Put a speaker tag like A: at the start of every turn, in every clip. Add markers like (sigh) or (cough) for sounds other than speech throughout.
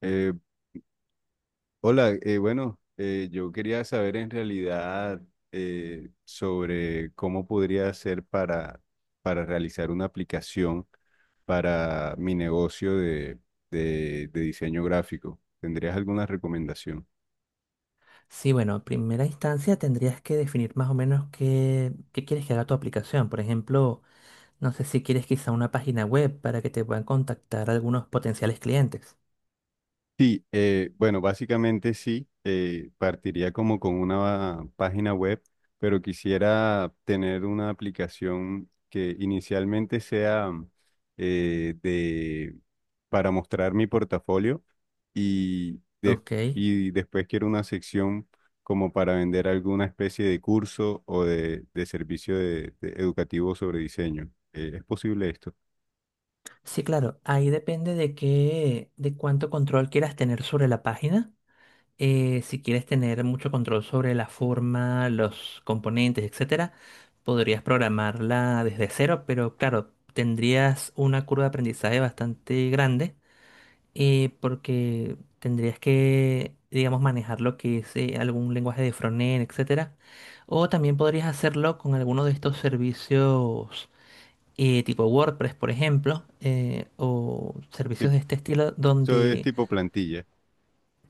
A: Eh, Hola, bueno, yo quería saber en realidad sobre cómo podría hacer para realizar una aplicación para mi negocio de diseño gráfico. ¿Tendrías alguna recomendación?
B: Sí, bueno, en primera instancia tendrías que definir más o menos qué quieres que haga tu aplicación. Por ejemplo, no sé si quieres quizá una página web para que te puedan contactar algunos potenciales clientes.
A: Sí, bueno, básicamente sí, partiría como con una página web, pero quisiera tener una aplicación que inicialmente sea eh, de, para mostrar mi portafolio y, des-
B: Ok.
A: y después quiero una sección como para vender alguna especie de curso o de servicio de educativo sobre diseño. ¿Es posible esto?
B: Sí, claro, ahí depende de qué, de cuánto control quieras tener sobre la página. Si quieres tener mucho control sobre la forma, los componentes, etcétera, podrías programarla desde cero, pero claro, tendrías una curva de aprendizaje bastante grande porque tendrías que, digamos, manejar lo que es algún lenguaje de frontend, etcétera. O también podrías hacerlo con alguno de estos servicios tipo WordPress, por ejemplo, o servicios
A: Tip-
B: de este estilo
A: Eso es
B: donde
A: tipo plantilla.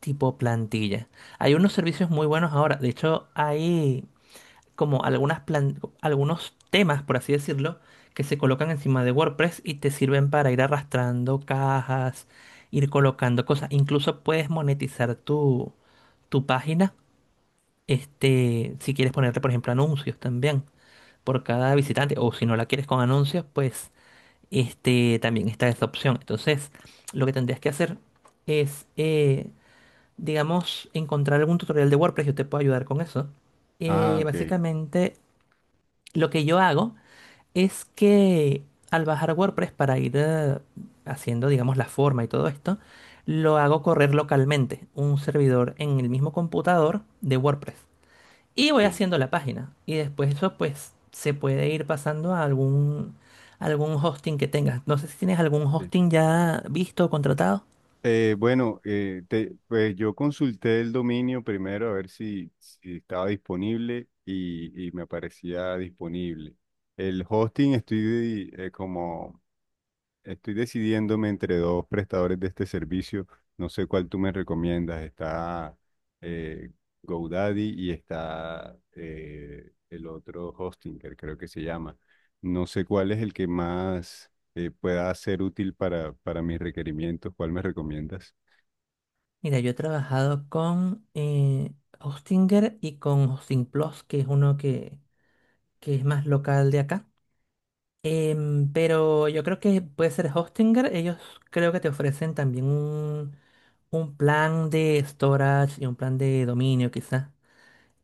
B: tipo plantilla. Hay unos servicios muy buenos ahora. De hecho, hay como algunos temas, por así decirlo, que se colocan encima de WordPress y te sirven para ir arrastrando cajas, ir colocando cosas. Incluso puedes monetizar tu página, este, si quieres ponerle, por ejemplo, anuncios también por cada visitante, o si no la quieres con anuncios, pues este, también está esa opción. Entonces, lo que tendrías que hacer es, digamos, encontrar algún tutorial de WordPress, yo te puedo ayudar con eso.
A: Ah, ok.
B: Básicamente lo que yo hago es que al bajar WordPress para ir haciendo, digamos, la forma y todo esto, lo hago correr localmente, un servidor en el mismo computador de WordPress. Y voy
A: Ok,
B: haciendo la página. Y después eso, pues, se puede ir pasando a algún hosting que tengas. No sé si tienes algún
A: ok.
B: hosting ya visto o contratado.
A: Bueno, pues yo consulté el dominio primero a ver si estaba disponible y me aparecía disponible. El hosting estoy como estoy decidiéndome entre dos prestadores de este servicio. No sé cuál tú me recomiendas. Está eh, GoDaddy y está el otro Hostinger, creo que se llama. No sé cuál es el que más pueda ser útil para mis requerimientos. ¿Cuál me recomiendas?
B: Mira, yo he trabajado con Hostinger y con Hosting Plus, que es uno que es más local de acá. Em, pero yo creo que puede ser Hostinger. Ellos creo que te ofrecen también un plan de storage y un plan de dominio, quizás.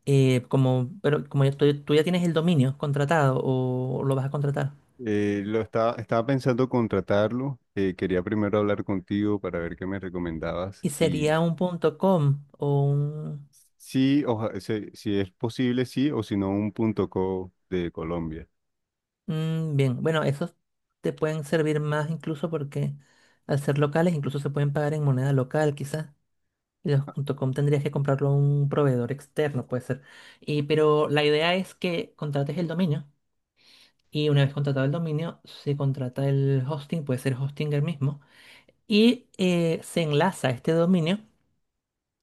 B: Como, pero tú, tú ya tienes el dominio contratado o lo vas a contratar.
A: Estaba pensando contratarlo. Quería primero hablar contigo para ver qué me recomendabas.
B: ¿Y
A: Y
B: sería un punto .com o un...?
A: sí, si es posible, sí, o si no, un punto co de Colombia.
B: Mm, bien, bueno, esos te pueden servir más incluso porque al ser locales incluso se pueden pagar en moneda local, quizás. Los punto .com tendrías que comprarlo a un proveedor externo, puede ser. Y, pero la idea es que contrates el dominio y una vez contratado el dominio se contrata el hosting, puede ser Hostinger mismo, y se enlaza este dominio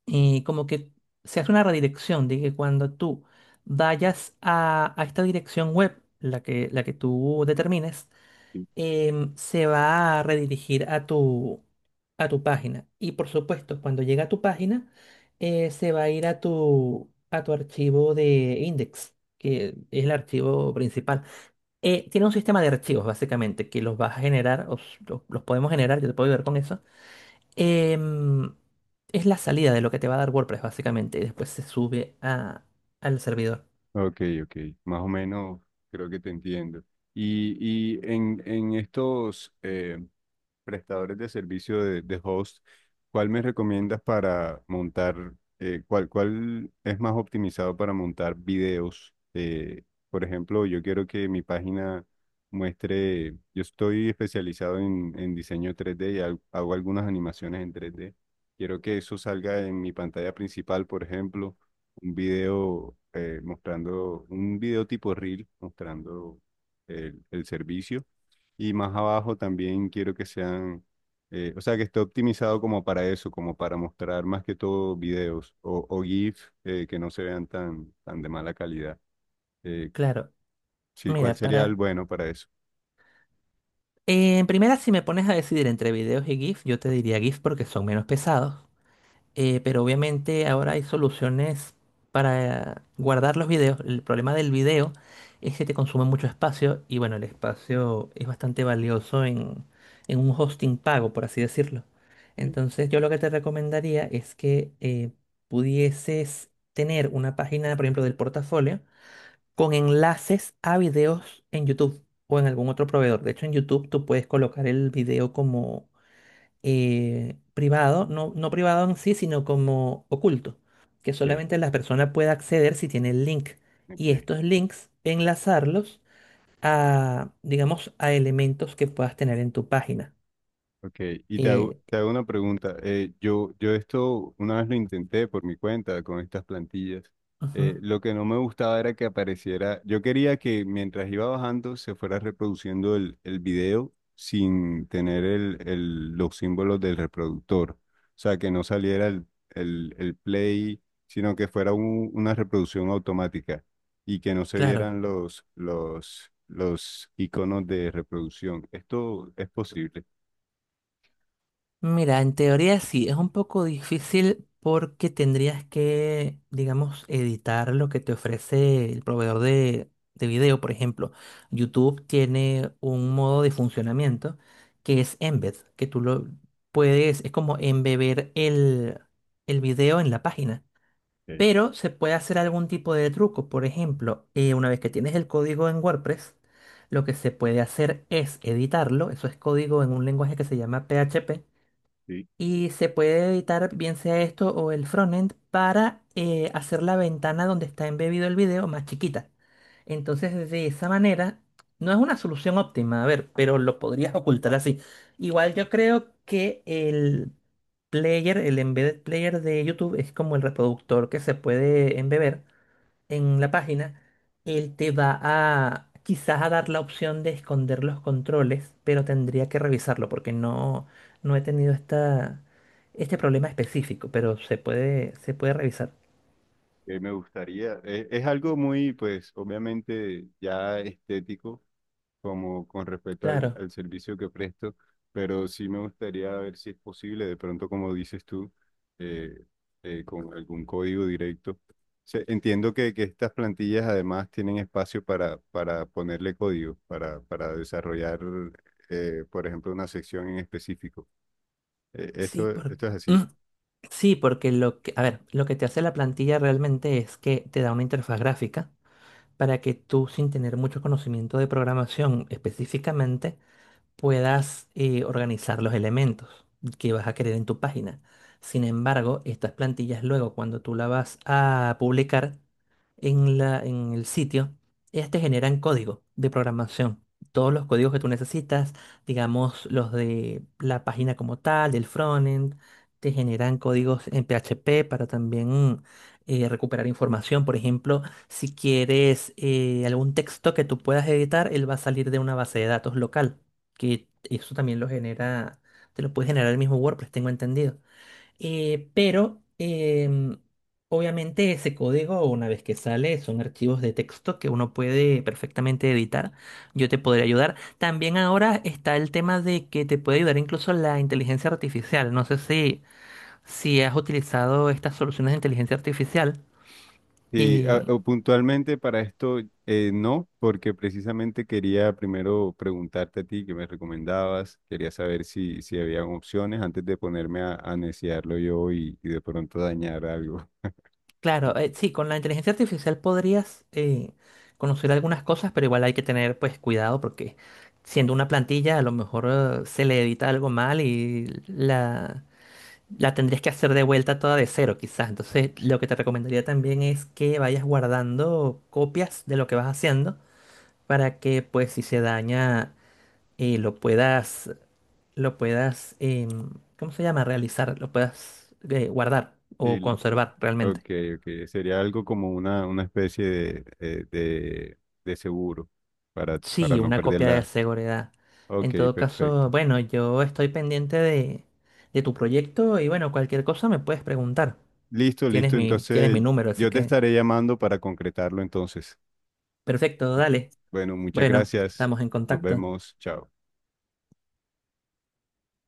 B: y como que se hace una redirección de que cuando tú vayas a esta dirección web, la que tú determines,
A: Sí.
B: em, se va a redirigir a a tu página. Y por supuesto, cuando llega a tu página, se va a ir a a tu archivo de index, que es el archivo principal. Tiene un sistema de archivos, básicamente, que los vas a generar, o s- lo- los, podemos generar, yo te puedo ayudar con eso. Em, es la salida de lo que te va a dar WordPress, básicamente, y después se sube al servidor.
A: Ok, ok. Más o menos creo que te entiendo. En estos prestadores de servicio de host, ¿cuál me recomiendas para montar, cuál es más optimizado para montar videos? Por ejemplo, yo quiero que mi página muestre, yo estoy especializado en diseño 3D hago algunas animaciones en 3D. Quiero que eso salga en mi pantalla principal, por ejemplo, un video mostrando, un video tipo reel mostrando el servicio. Y más abajo también quiero que sean, o sea, que esté optimizado como para eso, como para mostrar más que todo videos o GIF que no se vean tan de mala calidad. Eh,
B: Claro,
A: sí, ¿cuál
B: mira,
A: sería el
B: para
A: bueno para eso?
B: En primera, si me pones a decidir entre videos y GIF, yo te diría GIF porque son menos pesados. Pero obviamente ahora hay soluciones para guardar los videos. El problema del video es que te consume mucho espacio y bueno, el espacio es bastante valioso en un hosting pago, por así decirlo. Entonces yo lo que te recomendaría es que pudieses tener una página, por ejemplo, del portafolio con enlaces a videos en YouTube o en algún otro proveedor. De hecho, en YouTube tú puedes colocar el video como privado, no, no privado en sí, sino como oculto, que
A: Ok,
B: solamente la persona puede acceder si tiene el link. Y
A: ok.
B: estos links, enlazarlos a, digamos, a elementos que puedas tener en tu página.
A: Ok,
B: Eh,
A: te hago una pregunta. Yo esto una vez lo intenté por mi cuenta con estas plantillas.
B: ujú,
A: Lo que no me gustaba era que apareciera, yo quería que mientras iba bajando se fuera reproduciendo el video sin tener los símbolos del reproductor. O sea, que no saliera el play, sino que una reproducción automática y que no se
B: claro.
A: vieran los iconos de reproducción. ¿Esto es posible?
B: Mira, en teoría sí, es un poco difícil porque tendrías que, digamos, editar lo que te ofrece el proveedor de video. Por ejemplo, YouTube tiene un modo de funcionamiento que es embed, que tú lo puedes, es como embeber el video en la página. Pero se puede hacer algún tipo de truco. Por ejemplo, una vez que tienes el código en WordPress, lo que se puede hacer es editarlo. Eso es código en un lenguaje que se llama PHP
A: Sí,
B: y se puede editar bien sea esto o el frontend para hacer la ventana donde está embebido el video más chiquita. Entonces, de esa manera, no es una solución óptima, a ver, pero lo podrías ocultar así. Igual yo creo que el player, el embedded player de YouTube es como el reproductor que se puede embeber en la página, él te va a quizás a dar la opción de esconder los controles, pero tendría que revisarlo porque no he tenido este problema específico, pero se puede revisar.
A: que me gustaría, es algo muy, pues, obviamente ya estético, como con respecto
B: Claro,
A: al servicio que presto, pero sí me gustaría ver si es posible, de pronto, como dices tú, eh, con algún código directo. Entiendo que estas plantillas además tienen espacio para ponerle código, para desarrollar, por ejemplo, una sección en específico.
B: sí, por-
A: Esto es así.
B: Mm, sí, porque a ver, lo que te hace la plantilla realmente es que te da una interfaz gráfica para que tú, sin tener mucho conocimiento de programación específicamente, puedas organizar los elementos que vas a querer en tu página. Sin embargo, estas plantillas luego cuando tú las vas a publicar en en el sitio, ellas te generan código de programación. Todos los códigos que tú necesitas, digamos los de la página como tal, del frontend, te generan códigos en PHP para también recuperar información. Por ejemplo, si quieres algún texto que tú puedas editar, él va a salir de una base de datos local que eso también lo genera, te lo puede generar el mismo WordPress, tengo entendido. Pero obviamente ese código, una vez que sale, son archivos de texto que uno puede perfectamente editar. Yo te podría ayudar. También ahora está el tema de que te puede ayudar incluso la inteligencia artificial. No sé si has utilizado estas soluciones de inteligencia artificial.
A: Sí,
B: eh,
A: o puntualmente para esto no, porque precisamente quería primero preguntarte a ti que me recomendabas, quería saber si había opciones antes de ponerme a neciarlo yo y de pronto dañar algo.
B: Claro,
A: (laughs)
B: sí, con la inteligencia artificial podrías conocer algunas cosas, pero igual hay que tener pues cuidado porque siendo una plantilla a lo mejor se le edita algo mal y la tendrías que hacer de vuelta toda de cero quizás. Entonces lo que te recomendaría también es que vayas guardando copias de lo que vas haciendo para que pues si se daña eh, lo puedas, lo puedas, em, ¿cómo se llama? Realizar, lo puedas guardar o
A: Sí,
B: conservar
A: ok,
B: realmente.
A: ok, sería algo como una especie de seguro para
B: Sí,
A: no
B: una copia de
A: perderla.
B: seguridad. En
A: Ok,
B: todo caso,
A: perfecto.
B: bueno, yo estoy pendiente de tu proyecto y bueno, cualquier cosa me puedes preguntar.
A: Listo, listo,
B: Tienes mi
A: entonces
B: número, así
A: yo te
B: que
A: estaré llamando para concretarlo entonces.
B: perfecto,
A: Listo.
B: dale.
A: Bueno, muchas
B: Bueno,
A: gracias.
B: estamos en
A: Nos
B: contacto.
A: vemos. Chao.